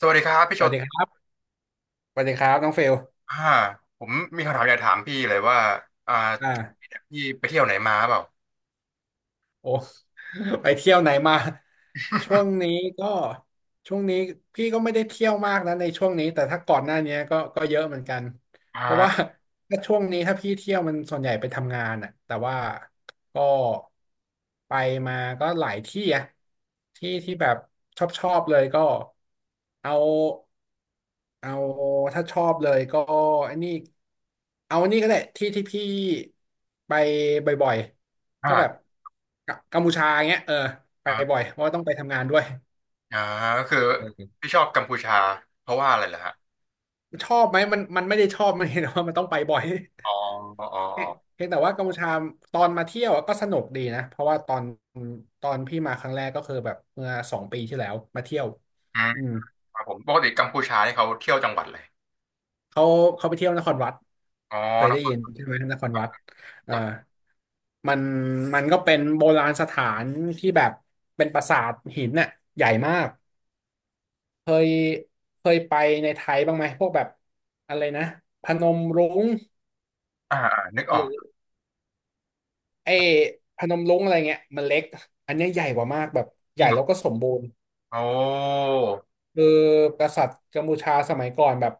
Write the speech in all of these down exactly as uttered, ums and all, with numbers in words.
สวัสดีครับพี่สโชวัสตดีครับ สวัสดีครับ น้องเฟลอ่าผมมีคำถามอยากถามพี่เลยว่าอ่าอ่า พี่ไปเที่ยวไหนมาเปล่าโอ้ ไปเที่ยวไหนมาช่วงนี้ก็ช่วงนี้พี่ก็ไม่ได้เที่ยวมากนะในช่วงนี้แต่ถ้าก่อนหน้านี้ก็ก็เยอะเหมือนกัน อ่เพราะว่า า ถ้าช่วงนี้ถ้าพี่เที่ยวมันส่วนใหญ่ไปทำงานอ่ะแต่ว่าก็ไปมาก็หลายที่อะที่ที่แบบชอบชอบเลยก็เอาเอาถ้าชอบเลยก็ไอันนี้เอาอันนี้ก็ได้ที่ที่พี่ไปบ่อยๆ ก็แบบอ่ากกัมพูชาอย่างเงี้ยเออไปอ่าบ่อยเพราะว่าต้องไปทำงานด้วยอ่าก็คืออืพี่ชอบกัมพูชาเพราะว่าอะไรเหรอฮะมชอบไหมมันมันไม่ได้ชอบ มันเห็นว่ามันต้องไปบ่อย อ๋ออ๋ออ๋อ เพียงแต่ว่ากัมพูชาตอนมาเที่ยวอะก็สนุกดีนะเพราะว่าตอนตอนพี่มาครั้งแรกก็คือแบบเมื่อสองปีที่แล้วมาเที่ยวอืมอืมครับผมปกติกัมพูชานี่เขาเที่ยวจังหวัดเลยเขาเขาไปเที่ยวนครวัดอ๋อเคยนได้คยินรใช่ไหมนครวัดเอ่าจักรมันมันก็เป็นโบราณสถานที่แบบเป็นปราสาทหินน่ะใหญ่มาก เคยเคยไปในไทยบ้างไหมพวกแบบอะไรนะพนมรุ้งอ่าอ่านึกอหอรืกอไอ้พนมรุ้งอะไรเงี้ยมันเล็กอันเนี้ยใหญ่กว่ามากแบบจใหริญ่งเหรอแล้วก็สมบูรณ์โอ้คือกษัตริย์กัมพูชาสมัยก่อนแบบ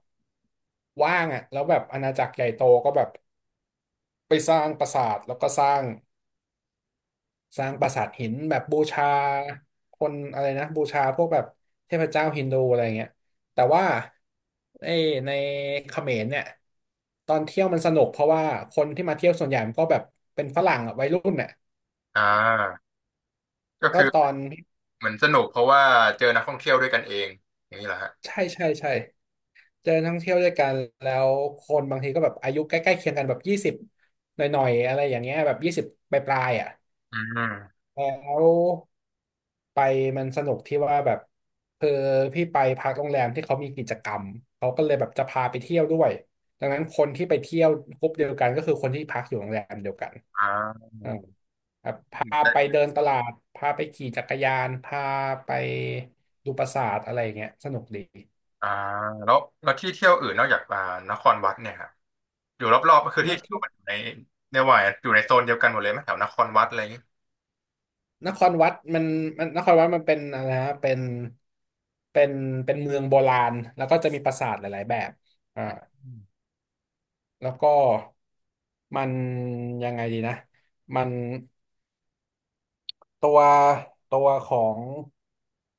ว่างอ่ะแล้วแบบอาณาจักรใหญ่โตก็แบบไปสร้างปราสาทแล้วก็สร้าง สร้างปราสาทหินแบบบูชาคนอะไรนะบูชาพวกแบบเทพเจ้าฮินดูอะไรเงี้ยแต่ว่าไอ้ในเขมรเนี่ยตอนเที่ยวมันสนุกเพราะว่าคนที่มาเที่ยวส่วนใหญ่มันก็แบบเป็นฝรั่งอะวัยรุ่นเนี่ยอ่าก็ก็คือตอนเหมือนสนุกเพราะว่าเจอนักท่องเที่ยวด้วยกันเองอย่างนี้เหรอฮะใช่ใช่ใช่เจอนักท่องเที่ยวด้วยกันแล้วคนบางทีก็แบบอายุใกล้ๆเคียงกันแบบยี่สิบหน่อยๆอะไรอย่างเงี้ยแบบยี่สิบปลายๆอ่ะอืมแล้ว ไปมันสนุกที่ว่าแบบพือพี่ไปพักโรงแรมที่เขามีกิจกรรมเขาก็เลยแบบจะพาไปเที่ยวด้วยดังนั้นคนที่ไปเที่ยวกลุ่มเดียวกันก็คือคนที่พักอยู่โรงแรมเดียวกันอ่า อ่าแบบพาไปเดินตลาดพาไปขี่จักรยานพาไปดูปราสาทอะไรอย่างเงี้ยสนุกดีอ่าแล้วแล้วที่เที่ยวอื่นนอกจากอ่านครวัดเนี่ยครับอยู่รอบๆก็คือนที่เที่ยที่วมันอยู่ในในวัยอยู่ในโซนเดียวกันหมดเลยไหมแถวนครวัดอะไรอย่างงี้นครวัดมันมันนครวัดมันเป็นอะไรนะเป็นเป็นเป็นเมืองโบราณแล้วก็จะมีปราสาทหลายๆแบบอ่า อืมแล้วก็มันยังไงดีนะมันตัวตัวของ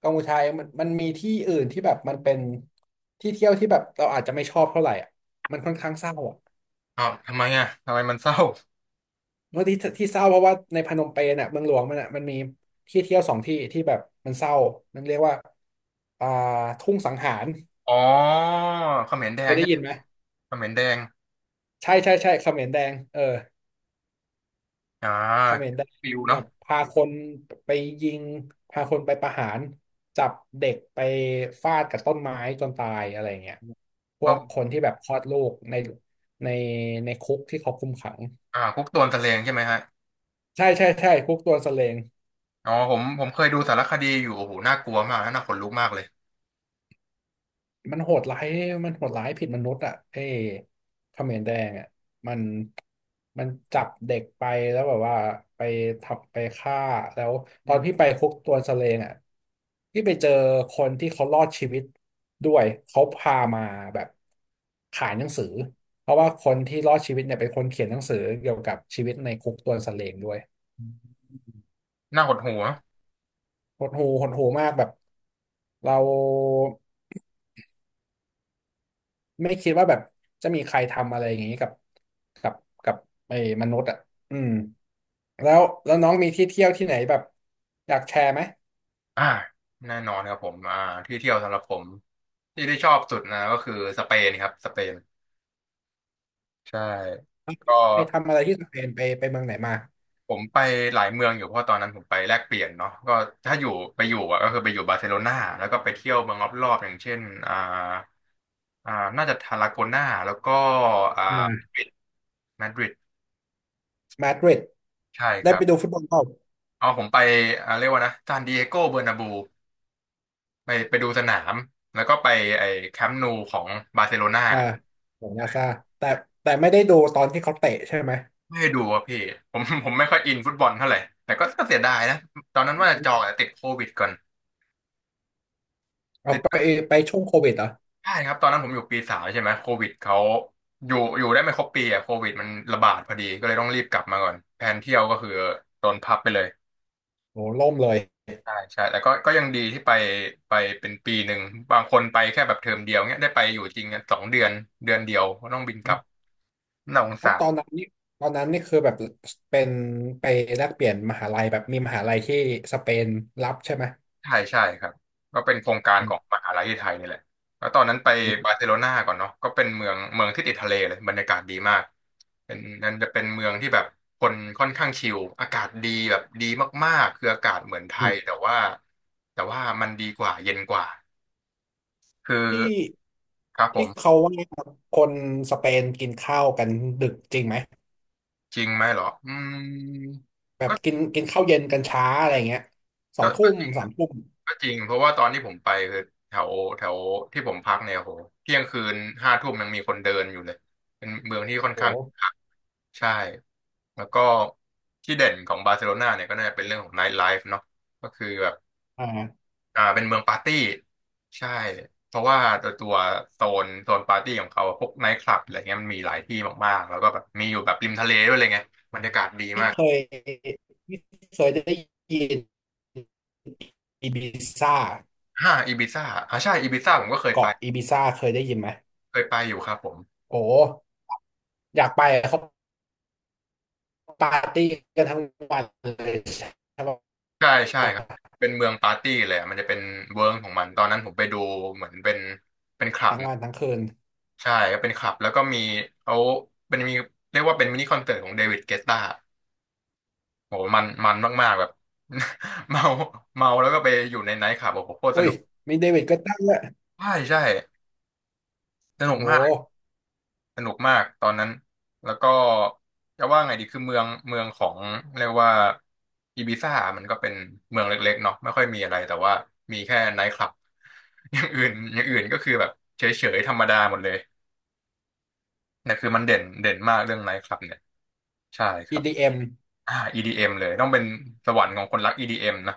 กัมพูชาเองมันมันมีที่อื่นที่แบบมันเป็นที่เที่ยวที่แบบเราอาจจะไม่ชอบเท่าไหร่อ่ะมันค่อนข้างเศร้าอ่ะอ้าวทำไมอ่ะทำไมมันเศร้าเมื่อที่ที่เศร้าเพราะว่าในพนมเปญอ่ะเมืองหลวงมันอ่ะมันมีที่เที่ยวสองที่ที่แบบมันเศร้ามันเรียกว่าอ่าทุ่งสังหารอ๋อเขมรแดเคงยได้ใช่ไหมยินไหมเขมรแดงใช่ใช่ใช่เขมรแดงเออ อ่าเขมรแดงฟิวแบเนาะบพาคนไปยิงพาคนไปประหารจับเด็กไปฟาดกับต้นไม้จนตายอะไรเงี้ยพเอวกคอนที่แบบคลอดลูกในในในคุกที่เขาคุมขังอ่าคุกโดนตะเลงใช่ไหมฮะใช่ใช่ใช่คุกตัวสเลง อ๋อผมผมเคยดูสารคดีอยู่โอ้โหน่ากลัวมากนะน่าขนลุกมากเลยมันโหดร้ายมันโหดร้ายผิดมนุษย์อ่ะไอ้เขมรแดงอ่ะมันมันจับเด็กไปแล้วแบบว่าไปทับไปฆ่าแล้วตอือนพี่มไปคุกตัวสะเลงอ่ะพี่ไปเจอคนที่เขารอดชีวิตด้วยเขาพามาแบบขายหนังสือเพราะว่าคนที่รอดชีวิตเนี่ยเป็นคนเขียนหนังสือเกี่ยวกับชีวิตในคุกตัวสะเลงด้วยน่าหดหู่นะหดหูหดหูมากแบบเรา ไม่คิดว่าแบบจะมีใครทำอะไรอย่างนี้กับกับกับไอ้มนุษย์อ่ะอืมแล้วแล้วน้องมีที่เที่ยวที่ไหนแบบอยากแชร์ไหมอ่าแน่นอนครับผมอ่าที่เที่ยวสำหรับผมที่ที่ชอบสุดนะก็คือสเปนครับสเปน ใช่ก็ไปทำอะไรที่สเปนไปไปเมืองไหนมาผมไปหลายเมืองอยู่เพราะตอนนั้นผมไปแลกเปลี่ยนเนาะก็ถ้าอยู่ไปอยู่อะก็คือไปอยู่บาร์เซโลนาแล้วก็ไปเที่ยวเมืองรอบๆอย่างเช่นอ่าอ่าน่าจะทาราโกนาแล้วก็อ่าอ่ามาดริดมาดริดใช่คได้รัไปดูบฟุตบอลเปล่าเอผมไปอ่าเรียกว่านะซานดิเอโกเบอร์นาบูไปไปดูสนามแล้วก็ไปไอ้แคมป์นูของบาร์เซโลนาอ่าของบาร์ซ่าแต่แต่ไม่ได้ดูตอนที่เขาเตะใช่ไหมไม่ได้ดูอะพี่ผมผมไม่ค่อยอินฟุตบอลเท่าไหร่แต่ก็ก็เสียดายนะตอนนั้นว่าจะจองแต่ติดโควิดก่อน เอาไปไปช่วงโควิดเหรอใช่ครับตอนนั้นผมอยู่ปีสามใช่ไหมโควิดเขาอยู่อยู่ได้ไม่ครบปีอ่ะโควิดมันระบาดพอดีก็เลยต้องรีบกลับมาก่อนแผนเที่ยวก็คือโดนพับไปเลยโหล่มเลยใช่ใช่แต่ก็ก็ยังดีที่ไปไปเป็นปีหนึ่งบางคนไปแค่แบบเทอมเดียวเนี้ยได้ไปอยู่จริงอะสองเดือนเดือนเดียวก็ต้องบินกลับน่าสงเพสาราะตร อนนั้นนี่ตอนนั้นนี่คือแบบเป็นไปแลกเปลี่ยนมหาลัยแบบมีมหาลัยที่สเปนรับใช่ไหมใช่ใช่ครับก็เป็นโครงการอืขมองมหาลัยที่ไทยนี่แหละแล้วตอนนั้นไปบาร์เซโลอนาก่อนเนาะก็เป็นเมืองเมืองที่ติดทะเลเลยบรรยากาศดีมากเป็นนั่นจะเป็นเมืองที่แบบคนค่อนข้างชิลอากาศดีแบบดีมากๆคืออากาศเหมือนไทืยม แต่ว่าแต่ว่ามันดีกว่าเย็นกว่าคือที่ครับผที่มเขาว่าคนสเปนกินข้าวกันดึกจริงไหมจริงไหมเหรออืมแบบก็กินกินข้าวเย็นกันช้าอะไรเงี้ยสอก็งทุ่ก็มสามทุ่มก็จริงเพราะว่าตอนที่ผมไปคือแถวแถวที่ผมพักเนี่ยโหเที่ยงคืนห้าทุ่มยังมีคนเดินอยู่เลยเป็นเมืองที่ค่อนโอ้ข้าง ใช่แล้วก็ที่เด่นของบาร์เซโลนาเนี่ยก็น่าจะเป็นเรื่องของไนท์ไลฟ์เนาะก็คือแบบอ่าอ่าเป็นเมืองปาร์ตี้ใช่เพราะว่าตัวตัวโซนโซนปาร์ตี้ของเขาพวกไนท์คลับอะไรเงี้ยมันมีหลายที่มากๆแล้วก็แบบมีอยู่แบบริมทะเลด้วยเลยไงบรรยากาศดีพี่มากเคยพี่เคยได้ยินอีบิซ่าห้าอีบิซ่าอ่าใช่อีบิซ่าผมก็เคยไปเกาะอีบิซ่าเคยได้ยินไหมเคยไปอยู่ครับผมโอ้อยากไปเขาปาร์ตี้กันทั้งวันเลยใช่ปะใช่ใช่ครับทเป็นเมืองปาร์ตี้เลยอะมันจะเป็นเวิร์กของมันตอนนั้นผมไปดูเหมือนเป็นเป็นคลับ ั้งวันทั้งคืนใช่ก็เป็นคลับแล้วก็มีเขาเป็นมีเรียกว่าเป็นมินิคอนเสิร์ตของเดวิดเกตตาโหมันมันมากๆแบบ เมาเมาแล้วก็ไปอยู่ในไนท์คลับโอ้โหโคตรสอุ้ยนุกมีเดวิดก็ตั้งด้วยใช่ใช่สนุกโอ้มากสนุกมากตอนนั้นแล้วก็จะว่าไงดีคือเมืองเมืองของเรียกว่าอีบิซ่ามันก็เป็นเมืองเล็กๆเนาะไม่ค่อยมีอะไรแต่ว่ามีแค่ไนท์คลับ อย่างอื่นอย่างอื่นก็คือแบบเฉยๆธรรมดาหมดเลยแต่ยคือมันเด่นเด่นมากเรื่องไนท์คลับเนี่ยใช่คอีรับ ดีเอมอ่า อี ดี เอ็ม เอ็มเลยต้องเป็นสวรรค์ของคนรัก อี ดี เอ็ม นะ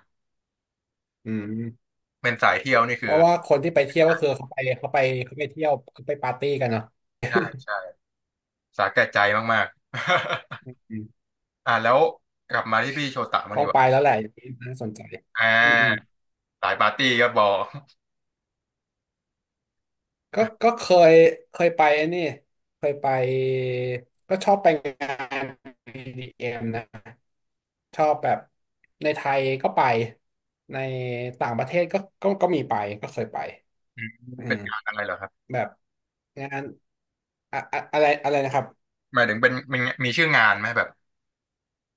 อืม เป็นสายเที่ยวนี่เพคือราะว่าคนที่ไปเที่ยวก็คือเขาไปเขาไปเขาไปเที่ยวเขาไปปาร์ตี้กันเนาะใช่ใช่สาแก่ใจมากๆ อืม อ่าแล้วกลับมาที่พี่โชตะมางต้อดีงกไปว่าแล้วแหละอย่างนี้น่าสนใจอ่อืมอืมาสายปาร์ตี้ก็บอกก็ก็เคยเคยไปไอ้นี่เคยไปก็ชอบไปงานอ d m นะชอบแบบในไทยก็ไปในต่างประเทศก็ก็ก็มีไปก็เคยไปอืม อื เป็นมงานอะไรเหรอครับแบบงานอะอะอะไรอะไรนะครับหมายถึงเป็นเป็นมีชื่องานไหมแบบ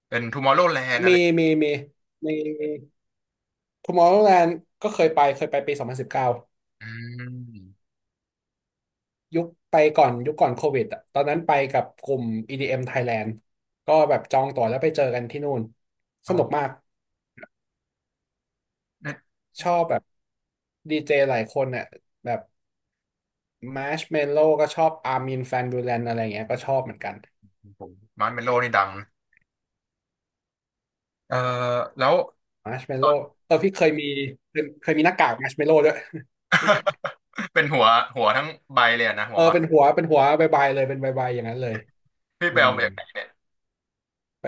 เป็น Tomorrowland อร์โรแลนด์อะมีไรมีมีมี Tomorrowland ก็เคยไปเคยไปปีสองพันสิบเก้า อืมยุคไปก่อนยุคก่อนโควิดอะตอนนั้นไปกับกลุ่ม อี ดี เอ็ม Thailand ก็แบบจองตั๋วแล้วไปเจอกันที่นู่นสอ๋อนุกมาก เนี่ยชอบแบบดีเจหลายคนเนี่ยแบบมาร์ชเมลโล่ก็ชอบอาร์มินแฟนบูแลนอะไรเงี้ยก็ชอบเหมือนกันผมมาร์ชเมลโลนี่ดังนะเออแล้ว มาร์ชเมลโล่เออพี่เคยมีเคยมีหน้ากากมาร์ชเมลโล่ด้วย เป็นหัวหัวทั้งใบเลยอะนะ หัเอวอมัดเป็นหัวเป็นหัวบายบายเลยเป็นบายบายอย่างนั้นเลยพี่อืไปเอาม มาจากไหนเนี่ยไป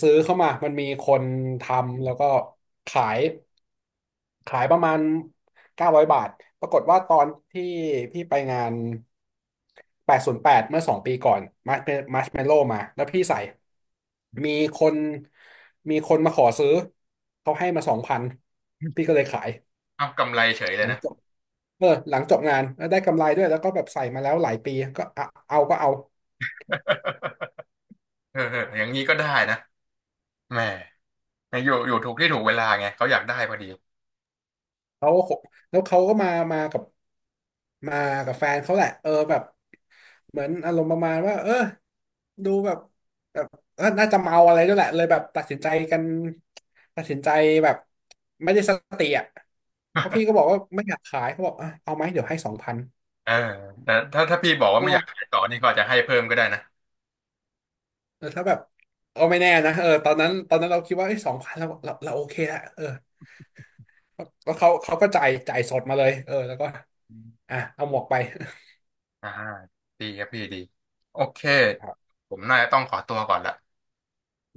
ซื้อเข้ามามันมีคนทำแล้วก็ขายขายประมาณเก้าร้อยบาท ปรากฏว่าตอนที่พี่ไปงานแปดศูนย์แปดเมื่อสองปีก่อนมาร์ชมาร์ชเมลโล่มาแล้วพี่ใส่มีคนมีคนมาขอซื้อเขาให้มาสองพันพี่ก็เลยขายเอากำไรเฉยเลหยลังนะ จบเออหลังจบงานแล้วได้กำไรด้วยแล้วก็แบบใส่มาแล้วหลายปีก็เอาเอาก็เอา เออเอออย่างนี้ก็ได้นะ แหม่อยู่อยู่ถูกที่ถูกเวลาไง เขาอยากได้พอดีเขาก็คบแล้วเขาก็มามากับมากับแฟนเขาแหละเออแบบเหมือนอารมณ์ประมาณว่าเออดูแบบแบบเออน่าจะเมาอะไรด้วยแหละเลยแบบตัดสินใจกันตัดสินใจแบบไม่ได้สติอ่ะเพราะพี่ก็บอกว่าไม่อยากขายเขาบอกอ่ะเอาไหมเดี๋ยวให้สองพันเออแต่ถ้าถ้าพี่บอกเพว่าไม่ราะอว่ายากขายต่อนี่ก็อาจจะให้เพิ่มก็ได้นะเออถ้าแบบเอาไม่แน่นะเออตอนนั้นตอนนั้นเราคิดว่าไอ้สองพันเราเราเราโอเคละเออแล้วเขาเขาก็จ่ายจ่ายสดมาเลยเออแล้วก็อมอ่ะเอาหมวกไป อ่าดีครับพี่ดี โอเค ครับผมน่าจะต้องขอตัวก่อนละ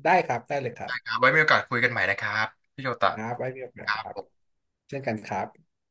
ได้ครับ ได้เลยครับ ครับไว้มีโอกาสคุยกันใหม่นะครับพี่โชตะครับไว้มีโอคกาสรับครัผบ มเช่นกันครับ